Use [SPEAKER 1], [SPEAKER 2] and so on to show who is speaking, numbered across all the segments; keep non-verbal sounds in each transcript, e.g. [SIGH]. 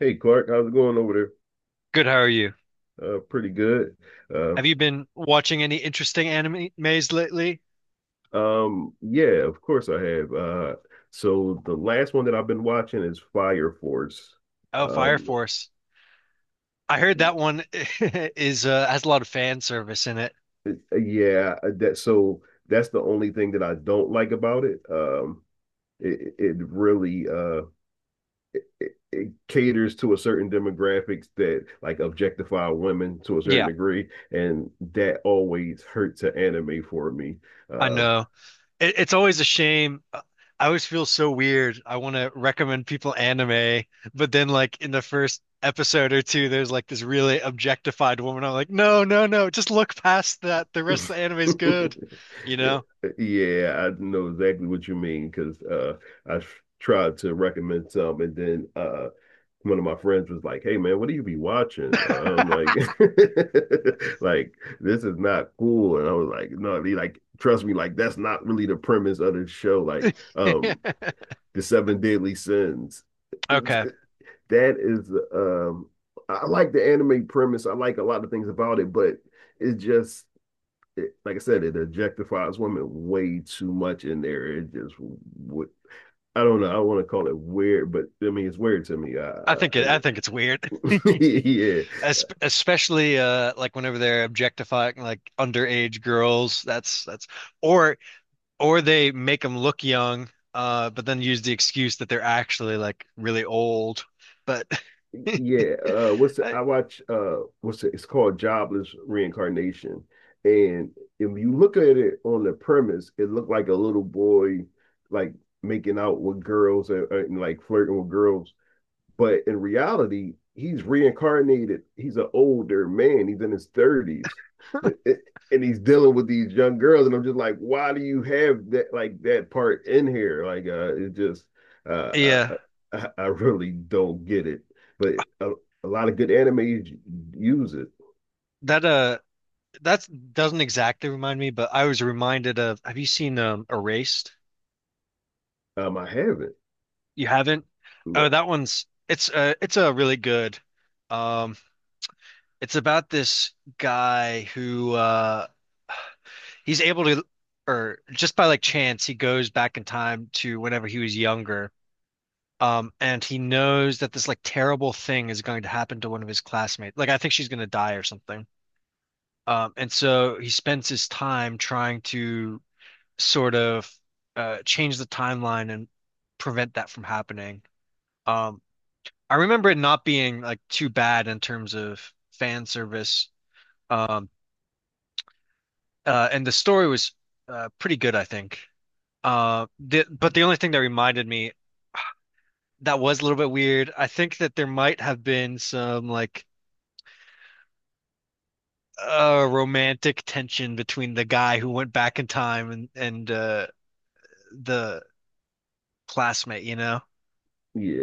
[SPEAKER 1] Hey Clark, how's it going over
[SPEAKER 2] Good, how are you?
[SPEAKER 1] there? Pretty good. Uh,
[SPEAKER 2] Have you been watching any interesting animes lately?
[SPEAKER 1] yeah, of course I have. So the last one that I've been watching is Fire Force.
[SPEAKER 2] Oh, Fire
[SPEAKER 1] Um,
[SPEAKER 2] Force. I heard
[SPEAKER 1] it-
[SPEAKER 2] that one [LAUGHS] is has a lot of fan service in it.
[SPEAKER 1] yeah, that so that's the only thing that I don't like about it. It really it caters to a certain demographics that like objectify women to a certain
[SPEAKER 2] Yeah,
[SPEAKER 1] degree, and that always hurts an anime for me.
[SPEAKER 2] I
[SPEAKER 1] Um,
[SPEAKER 2] know. It's always a shame. I always feel so weird. I want to recommend people anime, but then like in the first episode or two, there's like this really objectified woman. I'm like, no, no, no, just look past that. The rest of the anime is good, you
[SPEAKER 1] [LAUGHS]
[SPEAKER 2] know?
[SPEAKER 1] Eh, yeah, I know exactly what you mean because I tried to recommend some, and then one of my friends was like, "Hey, man, what do you be watching?" I'm like,
[SPEAKER 2] [LAUGHS]
[SPEAKER 1] [LAUGHS] "Like this is not cool," and I was like, "No, he like trust me, like that's not really the premise of the show. Like, um, the seven deadly sins. [LAUGHS]
[SPEAKER 2] Okay.
[SPEAKER 1] That is, I like the anime premise. I like a lot of things about it, but." It's just it, like I said, it objectifies women way too much in there. It just would. I don't know. I want to call it weird, but I mean it's weird to me.
[SPEAKER 2] I think it's weird.
[SPEAKER 1] [LAUGHS] Yeah,
[SPEAKER 2] [LAUGHS] Es Especially like whenever they're objectifying like underage girls, that's or or they make them look young, but then use the excuse that they're actually like really old. But
[SPEAKER 1] yeah. What's
[SPEAKER 2] [LAUGHS]
[SPEAKER 1] the,
[SPEAKER 2] I,
[SPEAKER 1] I watch? What's the, it's called Jobless Reincarnation, and if you look at it on the premise, it looked like a little boy like making out with girls and like flirting with girls. But in reality, he's reincarnated. He's an older man. He's in his 30s. It- it- and he's dealing with these young girls. And I'm just like, why do you have that like that part in here? Like it just uh uh,
[SPEAKER 2] yeah,
[SPEAKER 1] uh, I, really don't get it. But a, a lot of good animes use it.
[SPEAKER 2] that uh that doesn't exactly remind me, but I was reminded of, have you seen Erased?
[SPEAKER 1] I haven't.
[SPEAKER 2] You haven't? Oh,
[SPEAKER 1] No.
[SPEAKER 2] that one's it's a really good. Um, it's about this guy who he's able to, or just by like chance, he goes back in time to whenever he was younger. And he knows that this like terrible thing is going to happen to one of his classmates. Like I think she's going to die or something. And so he spends his time trying to sort of change the timeline and prevent that from happening. Um, I remember it not being like too bad in terms of fan service. Um, and the story was pretty good, I think. But the only thing that reminded me that was a little bit weird. I think that there might have been some like romantic tension between the guy who went back in time and the classmate, you know.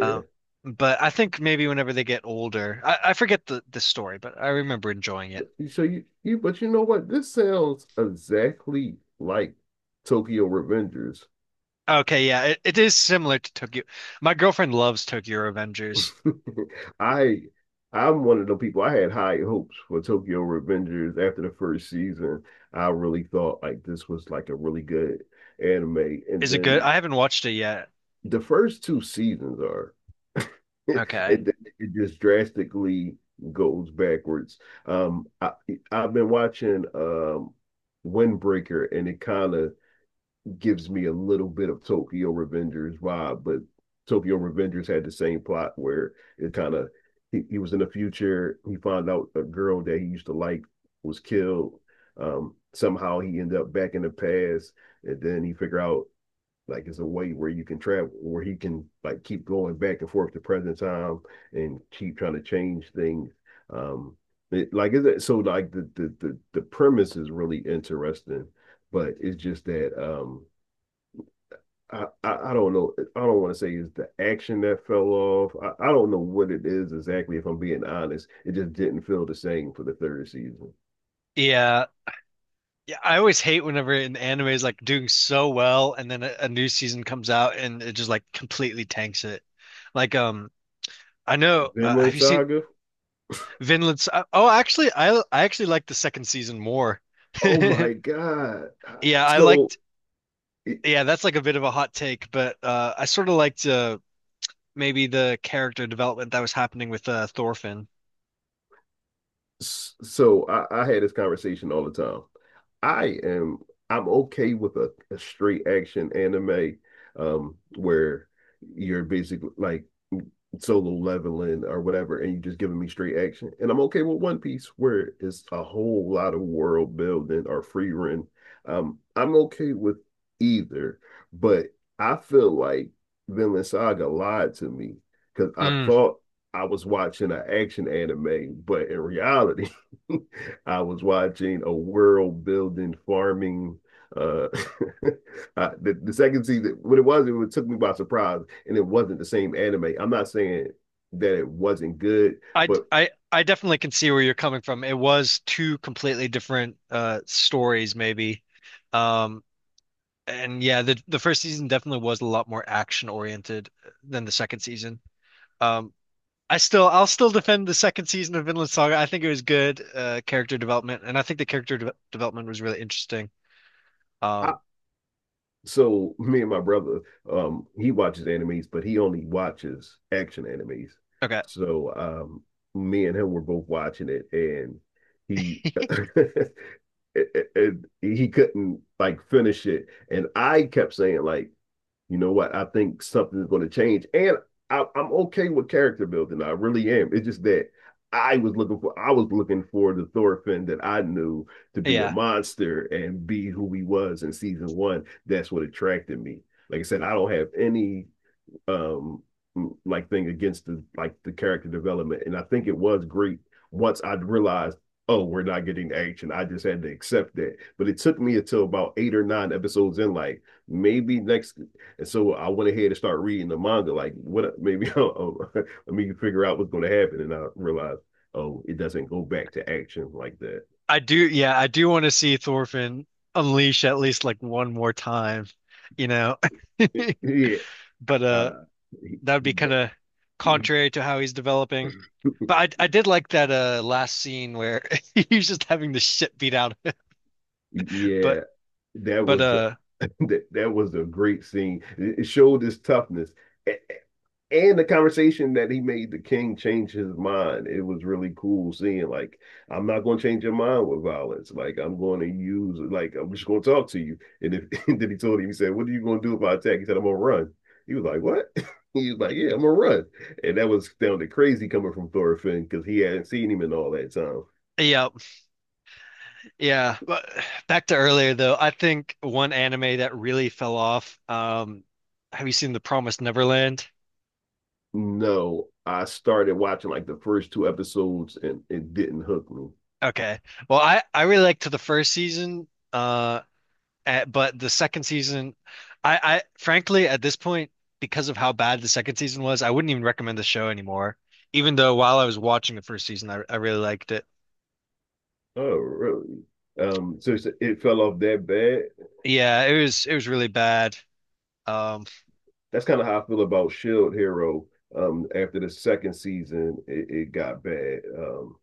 [SPEAKER 2] Um, but I think maybe whenever they get older, I forget the story, but I remember enjoying it.
[SPEAKER 1] But, so you but you know what? This sounds exactly like Tokyo Revengers.
[SPEAKER 2] Okay, yeah, it is similar to Tokyo. My girlfriend loves Tokyo Avengers.
[SPEAKER 1] [LAUGHS] I I'm one of the people. I had high hopes for Tokyo Revengers after the first season. I really thought like this was like a really good anime. And
[SPEAKER 2] Is it good?
[SPEAKER 1] then
[SPEAKER 2] I haven't watched it yet.
[SPEAKER 1] the first two seasons are [LAUGHS] and
[SPEAKER 2] Okay.
[SPEAKER 1] then it just drastically goes backwards. Um I I've been watching Windbreaker, and it kind of gives me a little bit of Tokyo Revengers vibe, but Tokyo Revengers had the same plot where it kind of he was in the future. He found out a girl that he used to like was killed. Somehow he ended up back in the past, and then he figure out like it's a way where you can travel, where he can like keep going back and forth to present time and keep trying to change things. Um, it, like it, so like the premise is really interesting, but it's just that I don't know. I don't want to say it's the action that fell off. I don't know what it is exactly, if I'm being honest. It just didn't feel the same for the third season.
[SPEAKER 2] Yeah, I always hate whenever an anime is like doing so well and then a new season comes out and it just like completely tanks it. Like I know have
[SPEAKER 1] Vinland
[SPEAKER 2] you seen
[SPEAKER 1] Saga.
[SPEAKER 2] Oh, actually I actually like the second season more. [LAUGHS]
[SPEAKER 1] Oh my God.
[SPEAKER 2] Yeah, I
[SPEAKER 1] So,
[SPEAKER 2] liked
[SPEAKER 1] it-
[SPEAKER 2] yeah, that's like a bit of a hot take, but I sort of liked maybe the character development that was happening with Thorfinn.
[SPEAKER 1] so I had this conversation all the time. I am, I'm okay with a straight action anime, where you're basically like, solo leveling or whatever, and you're just giving me straight action. And I'm okay with One Piece, where it's a whole lot of world building or free run. I'm okay with either, but I feel like Vinland Saga lied to me because I
[SPEAKER 2] Mm.
[SPEAKER 1] thought I was watching an action anime, but in reality, [LAUGHS] I was watching a world building farming uh [LAUGHS] the second season, what it was, it took me by surprise, and it wasn't the same anime. I'm not saying that it wasn't good, but
[SPEAKER 2] I definitely can see where you're coming from. It was two completely different stories maybe. Um And yeah, the first season definitely was a lot more action oriented than the second season. Um, I still I'll still defend the second season of Vinland Saga. I think it was good character development, and I think the character de development was really interesting.
[SPEAKER 1] I,
[SPEAKER 2] Um,
[SPEAKER 1] so me and my brother, he watches animes, but he only watches action animes.
[SPEAKER 2] okay,
[SPEAKER 1] So me and him were both watching it, and he [LAUGHS] he couldn't like finish it, and I kept saying like, you know what? I think something is going to change. And I'm okay with character building. I really am. It's just that I was looking for. I was looking for the Thorfinn that I knew to be a
[SPEAKER 2] yeah,
[SPEAKER 1] monster and be who he was in season one. That's what attracted me. Like I said, I don't have any um like thing against the like the character development. And I think it was great once I realized, oh, we're not getting action. I just had to accept that. But it took me until about eight or nine episodes in, like maybe next. And so I went ahead and started reading the manga. Like what? [LAUGHS] Maybe oh, oh, [LAUGHS] let me figure out what's going to happen. And I realized, oh, it doesn't go back to action like that.
[SPEAKER 2] I do. Yeah, I do want to see Thorfinn unleash at least like one more time, you know. [LAUGHS]
[SPEAKER 1] It, [LAUGHS] yeah.
[SPEAKER 2] But
[SPEAKER 1] He,
[SPEAKER 2] that would be
[SPEAKER 1] he,
[SPEAKER 2] kind of
[SPEAKER 1] he,
[SPEAKER 2] contrary to how he's developing. But I did like that last scene where [LAUGHS] he's just having the shit beat out of him.
[SPEAKER 1] yeah,
[SPEAKER 2] But
[SPEAKER 1] that
[SPEAKER 2] but
[SPEAKER 1] was
[SPEAKER 2] uh.
[SPEAKER 1] that that was a great scene. It showed his toughness. And the conversation that he made the king change his mind. It was really cool seeing like I'm not going to change your mind with violence. Like I'm going to use like I'm just going to talk to you. And if [LAUGHS] and then he told him he said, "What are you going to do if I attack?" He said, "I'm going to run." He was like, "What?" [LAUGHS] He was like, "Yeah, I'm going to run." And that was sounded crazy coming from Thorfinn because he hadn't seen him in all that time.
[SPEAKER 2] Yeah, yeah. But back to earlier though, I think one anime that really fell off. Have you seen The Promised Neverland?
[SPEAKER 1] No, I started watching like the first two episodes and it didn't hook me.
[SPEAKER 2] Okay. Well, I really liked the first season, but the second season, I frankly at this point, because of how bad the second season was, I wouldn't even recommend the show anymore. Even though while I was watching the first season, I really liked it.
[SPEAKER 1] Oh, really? So it's- it fell off that bad.
[SPEAKER 2] Yeah, it was really bad. Um,
[SPEAKER 1] That's kind of how I feel about Shield Hero. After the second season, it got bad.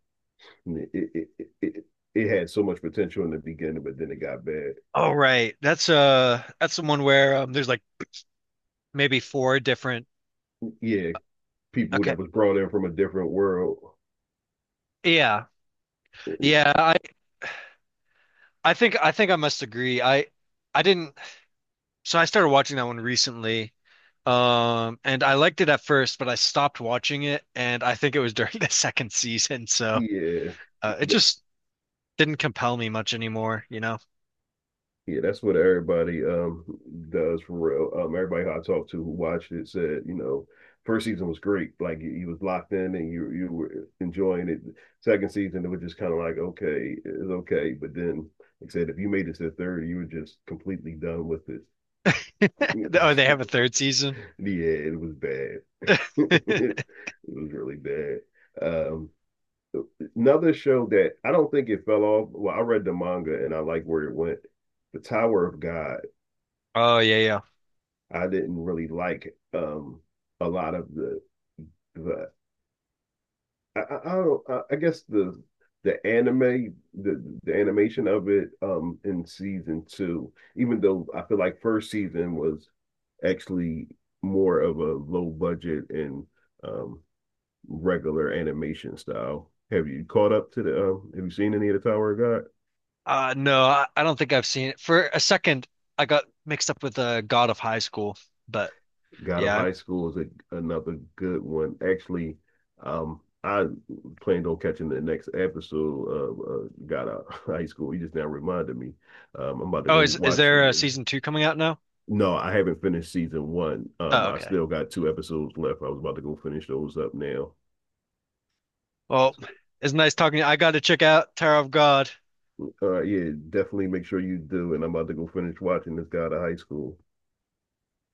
[SPEAKER 1] it, it it it it had so much potential in the beginning, but then it got bad.
[SPEAKER 2] oh right, that's the one where there's like maybe four different.
[SPEAKER 1] Yeah, people
[SPEAKER 2] Okay.
[SPEAKER 1] that was brought in from a different world.
[SPEAKER 2] Yeah. Yeah, I think I must agree. I didn't So I started watching that one recently. And I liked it at first, but I stopped watching it and I think it was during [LAUGHS] the second season, so
[SPEAKER 1] Yeah.
[SPEAKER 2] it just didn't compel me much anymore, you know.
[SPEAKER 1] Yeah, that's what everybody does for real. Everybody who I talked to who watched it said, you know, first season was great. Like you was locked in and you were enjoying it. Second season, it was just kind of like okay, it's okay. But then, like I said, if you made it to the third, you were just completely done with it.
[SPEAKER 2] [LAUGHS]
[SPEAKER 1] [LAUGHS]
[SPEAKER 2] Oh, they have a third season.
[SPEAKER 1] yeah, it was bad. [LAUGHS] it
[SPEAKER 2] [LAUGHS]
[SPEAKER 1] was really bad. Um, another show that I don't think it fell off. Well, I read the manga and I like where it went. The Tower of God.
[SPEAKER 2] Oh yeah, yeah.
[SPEAKER 1] I didn't really like a lot of the I don't I guess the anime the animation of it in season two, even though I feel like first season was actually more of a low budget and um regular animation style. Have you caught up to the have you seen any of the Tower of God?
[SPEAKER 2] No, I don't think I've seen it. For a second, I got mixed up with God of High School, but
[SPEAKER 1] God of
[SPEAKER 2] yeah.
[SPEAKER 1] High School is another good one. Actually, I planned on catching the next episode of God of High School. You just now reminded me. I'm about to
[SPEAKER 2] Oh,
[SPEAKER 1] go
[SPEAKER 2] is
[SPEAKER 1] watch it.
[SPEAKER 2] there a season two coming out now?
[SPEAKER 1] No, I haven't finished season one.
[SPEAKER 2] Oh,
[SPEAKER 1] I
[SPEAKER 2] okay.
[SPEAKER 1] still got two episodes left. I was about to go finish those up now.
[SPEAKER 2] Well,
[SPEAKER 1] So,
[SPEAKER 2] it's nice talking to you. I got to check out Tower of God.
[SPEAKER 1] yeah, definitely make sure you do. And I'm about to go finish watching this God of high school.